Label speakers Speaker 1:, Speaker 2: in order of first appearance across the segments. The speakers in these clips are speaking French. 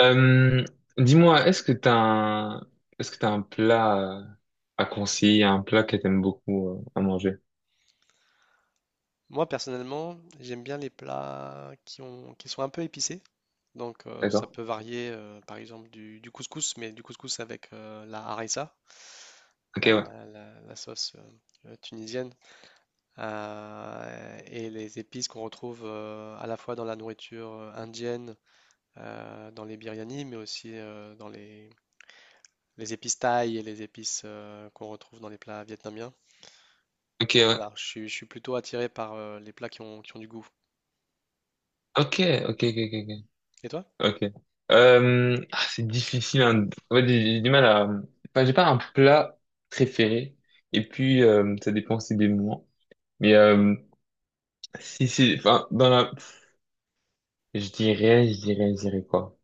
Speaker 1: Euh, dis-moi, est-ce que t'as un, est-ce que t'as un plat à conseiller, un plat que t'aimes beaucoup à manger?
Speaker 2: Moi, personnellement, j'aime bien les plats qui sont un peu épicés. Donc, ça
Speaker 1: D'accord?
Speaker 2: peut varier, par exemple, du couscous, mais du couscous avec la harissa,
Speaker 1: Ok, ouais.
Speaker 2: la, la sauce tunisienne, et les épices qu'on retrouve à la fois dans la nourriture indienne, dans les biryani, mais aussi les épices thaï et les épices qu'on retrouve dans les plats vietnamiens.
Speaker 1: Ok,
Speaker 2: Donc
Speaker 1: ouais.
Speaker 2: voilà, je suis plutôt attiré par les plats qui ont du goût.
Speaker 1: Ok, ok, ok, ok,
Speaker 2: Et toi?
Speaker 1: ok. Ok. Ah, c'est difficile, hein. En fait, j'ai du mal à, enfin, j'ai pas un plat préféré. Et puis, ça dépend aussi des moments. Mais, si, c'est, enfin, dans la, je dirais quoi?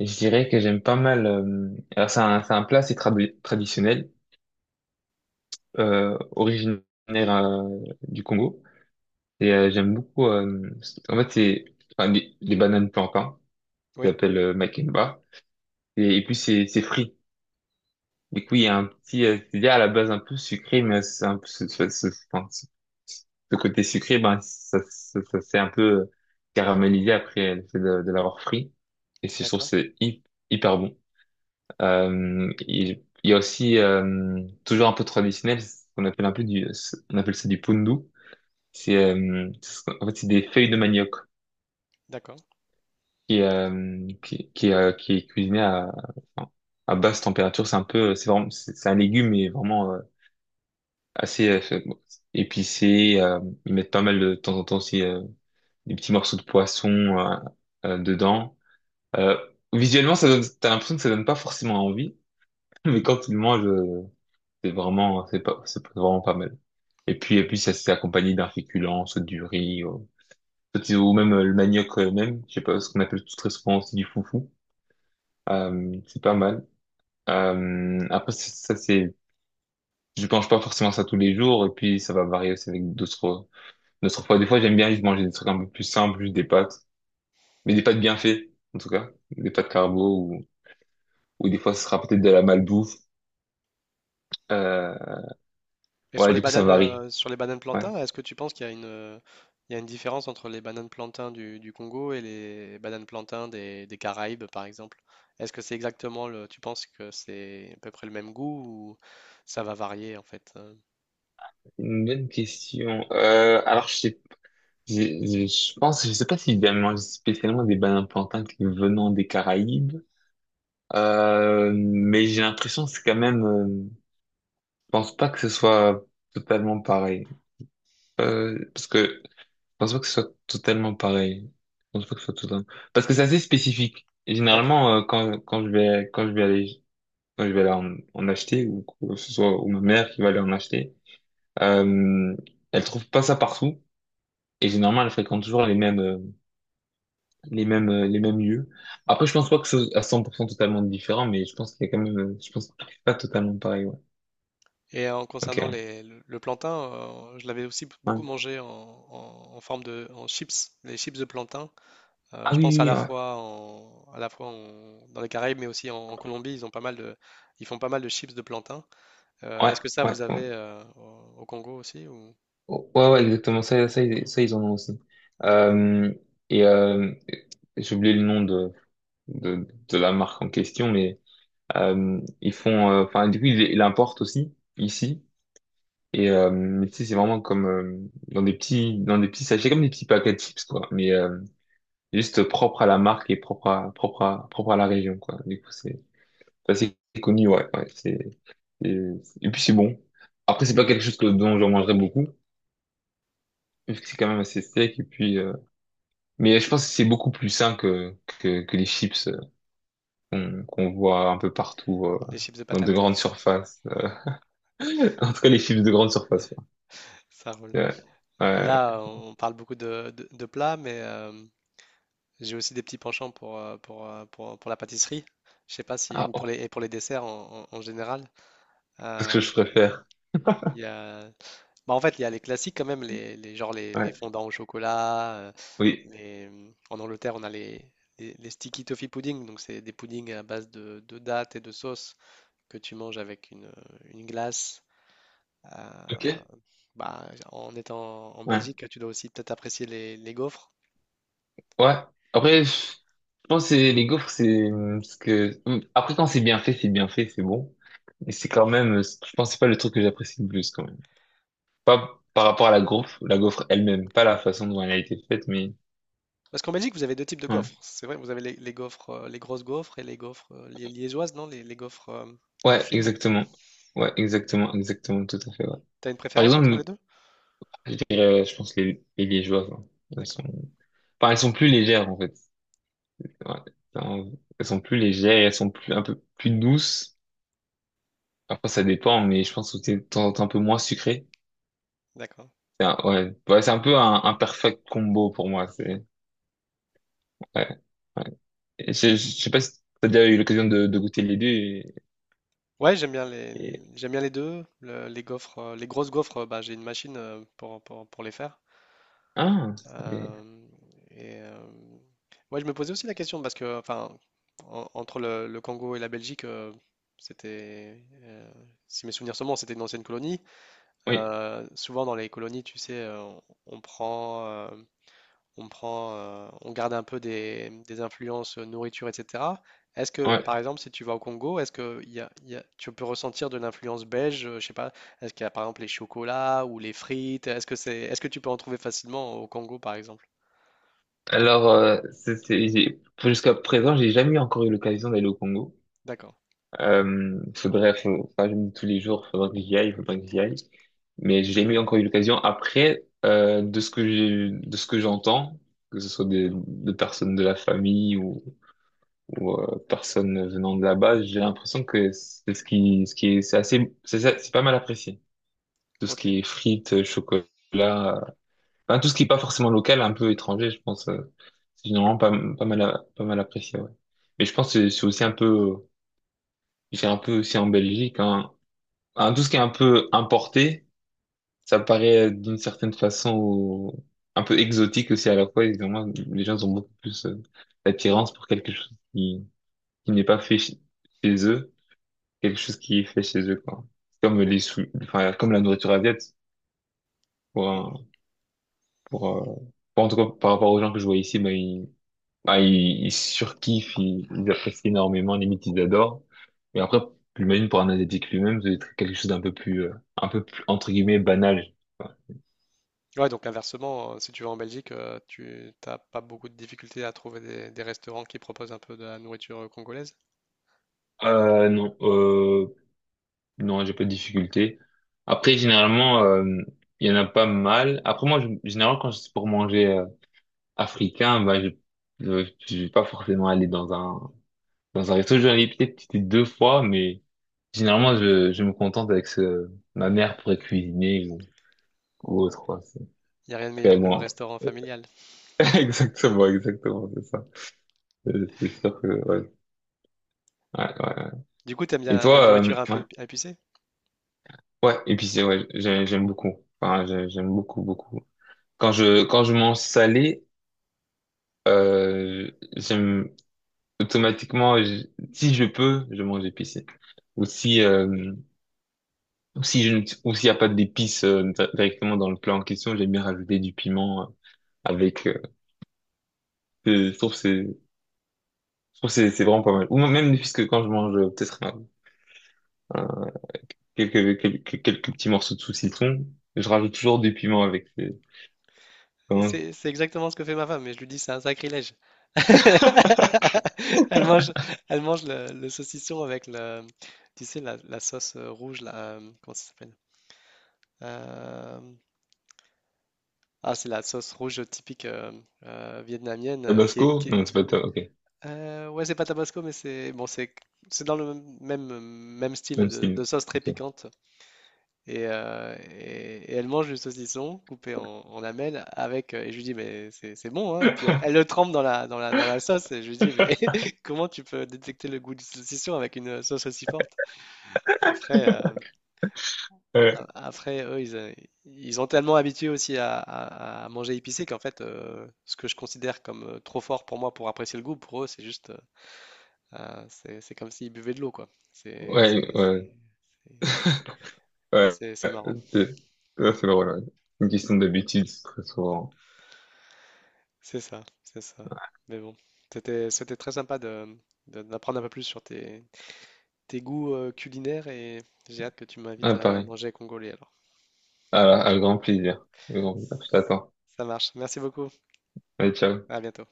Speaker 1: Je dirais que j'aime pas mal, alors c'est un plat, c'est traditionnel. Originaire euh, du Congo. Et j'aime beaucoup. En fait, c'est enfin, des bananes plantains, qu'ils
Speaker 2: Oui,
Speaker 1: appellent makemba. Et puis, c'est frit. Du coup, il y a un petit. C'est à la base un peu sucré, mais c'est un peu enfin, ce- ce côté sucré, ben, ça s'est un peu caramélisé après le fait de l'avoir frit. Et je trouve que
Speaker 2: d'accord.
Speaker 1: c'est hyper bon. Il il y a aussi toujours un peu traditionnel, ce qu'on appelle un peu du, on appelle ça du pundu. En fait c'est des feuilles de manioc
Speaker 2: D'accord.
Speaker 1: qui qui est cuisiné à enfin, à basse température. C'est un peu c'est vraiment c'est un légume mais vraiment assez bon, épicé. Ils mettent pas mal de temps en temps aussi des petits morceaux de poisson euh, dedans. Euh, Visuellement ça donne t'as l'impression que ça donne pas forcément envie, mais quand tu le manges c'est vraiment c'est pas c'est vraiment pas mal. Et puis ça s'est accompagné d'un féculent, soit du riz. Peut-être, ou même le manioc même, je sais pas, ce qu'on appelle tout très souvent aussi du foufou. C'est pas mal. Après, ça, c'est, je mange pas forcément ça tous les jours, et puis ça va varier aussi avec d'autres, d'autres fois. Des fois, j'aime bien juste manger des trucs un peu plus simples, juste des pâtes, mais des pâtes bien faites, en tout cas. Des pâtes carbo, ou des fois, ce sera peut-être de la malbouffe. Euh,
Speaker 2: Et
Speaker 1: ouais, du coup, ça varie.
Speaker 2: sur les bananes
Speaker 1: Ouais.
Speaker 2: plantains, est-ce que tu penses qu'il y a il y a une différence entre les bananes plantains du Congo et les bananes plantains des Caraïbes, par exemple? Est-ce que c'est exactement tu penses que c'est à peu près le même goût ou ça va varier en fait?
Speaker 1: Une bonne question. Alors, je sais je pense, je sais pas si j'ai mangé spécialement des bananes plantains qui venant des Caraïbes. Mais j'ai l'impression que c'est quand même. Je pense pas que ce soit totalement pareil. Parce que je pense pas que ce soit totalement pareil. Je pense pas que ce soit totalement. Parce que c'est assez spécifique. Et
Speaker 2: D'accord.
Speaker 1: généralement, quand quand je vais aller en, en acheter ou que ce soit ou ma mère qui va aller en acheter, euh, elle trouve pas ça partout. Et généralement, elle fréquente toujours les mêmes les mêmes lieux. Après, je pense pas que ce soit à 100% totalement différent, mais je pense qu'il y a quand même. Je pense que c'est pas totalement pareil. Ouais.
Speaker 2: Et en concernant
Speaker 1: Ok.
Speaker 2: le plantain, je l'avais aussi
Speaker 1: Ouais.
Speaker 2: beaucoup mangé en, en- en forme de en chips, les chips de plantain.
Speaker 1: Ah
Speaker 2: Je
Speaker 1: oui,
Speaker 2: pense à
Speaker 1: oui,
Speaker 2: la
Speaker 1: oui, ouais.
Speaker 2: fois dans les Caraïbes, mais aussi en, en Colombie, ils font pas mal de chips de plantain.
Speaker 1: Ouais,
Speaker 2: Est-ce que ça,
Speaker 1: ouais,
Speaker 2: vous avez
Speaker 1: ouais.
Speaker 2: au au Congo aussi ou...
Speaker 1: Oh, ouais, ouais, exactement. Ça, ils en ont aussi.
Speaker 2: D'accord.
Speaker 1: Euh, et j'ai oublié le nom de la marque en question, mais ils font... Enfin, du coup, ils l'importent aussi, ici. Et mais tu sais, c'est vraiment comme dans des petits sachets, comme des petits paquets de chips, quoi. Mais juste propre à la marque et propre à, propre à la région, quoi. Du coup, c'est ça, c'est assez connu, ouais. Ouais c'est, et puis, c'est bon. Après, c'est pas quelque chose que, dont j'en mangerai beaucoup. C'est quand même assez sec et puis mais je pense que c'est beaucoup plus sain que les chips qu'on voit un peu partout
Speaker 2: Les chips de
Speaker 1: dans de
Speaker 2: patates,
Speaker 1: grandes surfaces. En tout cas les chips de grande surface quoi
Speaker 2: ça roule.
Speaker 1: ouais,
Speaker 2: Et
Speaker 1: ouais.
Speaker 2: là, on parle beaucoup de plats, mais j'ai aussi des petits penchants pour, pour la pâtisserie. Je sais pas si,
Speaker 1: Ah,
Speaker 2: ou pour
Speaker 1: oh,
Speaker 2: les, et pour les desserts en général.
Speaker 1: c'est ce que
Speaker 2: Euh,
Speaker 1: je préfère
Speaker 2: il y a, bah, en fait, il y a les classiques quand même, genre les
Speaker 1: ouais
Speaker 2: fondants au chocolat.
Speaker 1: oui
Speaker 2: Les, en Angleterre, on a les sticky toffee pudding, donc c'est des puddings à base de dattes et de sauce que tu manges avec une glace. Euh,
Speaker 1: ok
Speaker 2: bah, en étant en
Speaker 1: ouais
Speaker 2: Belgique, tu dois aussi peut-être apprécier les gaufres.
Speaker 1: ouais après je pense que les gaufres c'est ce que après quand c'est bien fait c'est bien fait c'est bon mais c'est quand même je pense que c'est pas le truc que j'apprécie le plus quand même pas par rapport à la gaufre elle-même pas la façon dont elle a été faite mais
Speaker 2: Parce qu'en Belgique, vous avez deux types de
Speaker 1: ouais.
Speaker 2: gaufres. C'est vrai, vous avez les gaufres, les grosses gaufres et les gaufres liégeoises, non? Les gaufres
Speaker 1: Ouais,
Speaker 2: fines.
Speaker 1: exactement. Ouais, exactement, exactement, tout à fait, ouais.
Speaker 2: T'as une
Speaker 1: Par
Speaker 2: préférence
Speaker 1: exemple,
Speaker 2: entre les
Speaker 1: nous,
Speaker 2: deux?
Speaker 1: je dirais, je pense, les liégeoises, hein. Elles sont,
Speaker 2: D'accord,
Speaker 1: enfin, elles sont plus légères, en fait. Ouais. Enfin, elles sont plus légères, et elles sont plus, un peu plus douces. Après, ça dépend, mais je pense que c'est de temps en temps un peu moins sucré.
Speaker 2: d'accord.
Speaker 1: Ouais, ouais, c'est un peu un perfect combo pour moi, c'est, ouais, ouais. Et je sais pas si t'as déjà eu l'occasion de goûter les deux et,
Speaker 2: Ouais,
Speaker 1: et-
Speaker 2: j'aime bien les deux. Le- les gaufres, les grosses gaufres, bah, j'ai une machine pour, pour les faire.
Speaker 1: ah, les-
Speaker 2: Euh, et moi, je me posais aussi la question parce que, enfin, en- entre le Congo et la Belgique, c'était, euh, si mes souvenirs sont bons, c'était une ancienne colonie.
Speaker 1: oui,
Speaker 2: Souvent dans les colonies, tu sais, on prend, on garde un peu des influences nourriture, etc. Est-ce que, par
Speaker 1: ouais.
Speaker 2: exemple, si tu vas au Congo, est-ce que tu peux ressentir de l'influence belge, je sais pas, est-ce qu'il y a par exemple les chocolats ou les frites? Est-ce que c'est, est-ce que tu peux en trouver facilement au Congo, par exemple?
Speaker 1: Alors, jusqu'à présent, j'ai jamais eu encore eu l'occasion d'aller au Congo.
Speaker 2: D'accord,
Speaker 1: Faudrait, enfin, je me dis tous les jours, faudrait que j'y aille, faudrait que j'y aille. Mais j'ai jamais eu encore eu l'occasion. Après, de ce que j'ai, de ce que j'entends, que ce soit des, de personnes de la famille ou personnes venant de là-bas, j'ai l'impression que c'est ce qui est, c'est assez, c'est pas mal apprécié. Tout ce
Speaker 2: ok.
Speaker 1: qui est frites, chocolat, enfin, tout ce qui est pas forcément local, un peu étranger, je pense, c'est généralement pas, pas mal, pas mal apprécié, ouais. Mais je pense que c'est aussi un peu, euh, c'est un peu aussi en Belgique, hein. Enfin, tout ce qui est un peu importé, ça paraît d'une certaine façon un peu exotique aussi à la fois, évidemment, les gens ont beaucoup plus d'attirance pour quelque chose qui n'est pas fait chez eux, quelque chose qui est fait chez eux, quoi. C'est enfin, comme la nourriture asiatique, pour,
Speaker 2: Mm.
Speaker 1: un- pour, euh, pour- en tout cas, par rapport aux gens que je vois ici, ben, ah, ils surkiffent, ils apprécient énormément, limite ils adorent. Mais après, j'imagine pour un asiatique lui-même, ça doit être quelque chose d'un peu plus, un peu plus, entre guillemets, banal.
Speaker 2: Ouais, donc inversement, si tu vas en Belgique, tu t'as pas beaucoup de difficultés à trouver des restaurants qui proposent un peu de la nourriture congolaise.
Speaker 1: Euh, non, euh, non, j'ai pas de difficulté. Après, généralement, il y en a pas mal. Après, généralement, quand c'est pour manger africain, bah, je vais pas forcément aller dans un resto. Je vais aller peut-être deux fois, mais généralement, je me contente avec ce, ma mère pourrait cuisiner ou autre, quoi.
Speaker 2: Il n'y a rien de
Speaker 1: Très
Speaker 2: meilleur que le
Speaker 1: loin.
Speaker 2: restaurant familial.
Speaker 1: Exactement, exactement, c'est ça. C'est sûr que, ouais. Ouais, ouais, ouais.
Speaker 2: Du coup, t'aimes bien
Speaker 1: Et
Speaker 2: la
Speaker 1: toi,
Speaker 2: nourriture un peu
Speaker 1: ouais,
Speaker 2: épi- épicée?
Speaker 1: ouais, épicé, ouais,
Speaker 2: Mm.
Speaker 1: j'aime beaucoup. Enfin, j'aime beaucoup, beaucoup. Quand quand je mange salé, euh, j'aime automatiquement, si je peux, je mange épicé. Ou si, euh, ou si je, ne- ou s'il n'y a pas d'épices directement dans le plat en question, j'aime bien rajouter du piment avec, je trouve que c'est, je trouve que c'est vraiment pas mal. Ou même, puisque quand je mange, peut-être, un, quelques petits morceaux de saucisson. Je rajoute toujours du piment avec.
Speaker 2: Et
Speaker 1: Comment?
Speaker 2: c'est exactement ce que fait ma femme, mais je lui dis c'est un sacrilège. Elle mange, elle mange le saucisson avec le, tu sais, la sauce rouge, là, comment ça s'appelle? Euh, ah, c'est la sauce rouge typique vietnamienne qui est,
Speaker 1: Tabasco?
Speaker 2: qui
Speaker 1: Non, c'est pas ta- ok.
Speaker 2: heu, ouais, c'est pas tabasco, mais c'est bon, c'est dans le même même style
Speaker 1: Même
Speaker 2: de
Speaker 1: style.
Speaker 2: sauce très
Speaker 1: Ok.
Speaker 2: piquante et, et elle mange du saucisson coupé en, en lamelles avec, et je lui dis: «Mais c'est bon, hein?» et puis elle, elle le trempe dans la sauce et je lui dis: «Mais comment tu peux détecter le goût du saucisson avec une sauce aussi forte?» après, a après eux, ils, ils ont tellement habitué aussi à manger épicé qu'en fait, ce que je considère comme, trop fort pour moi pour apprécier le goût, pour eux, c'est juste, ah, c'est comme s'ils buvaient de l'eau, quoi.
Speaker 1: Ouais, ouais.
Speaker 2: C'est- Mais
Speaker 1: Ouais,
Speaker 2: c'est marrant.
Speaker 1: c'est ça, c'est drôle. Ouais. Une question d'habitude, très souvent.
Speaker 2: C'est ça, c'est ça. Mais bon, c'était très sympa de- d'apprendre un peu plus sur tes, tes goûts culinaires et j'ai hâte que tu m'invites
Speaker 1: Ah,
Speaker 2: à
Speaker 1: pareil.
Speaker 2: manger congolais alors.
Speaker 1: Ah, à grand plaisir. À grand plaisir. Je t'attends.
Speaker 2: Ça marche. Merci beaucoup.
Speaker 1: Allez, ciao.
Speaker 2: À bientôt.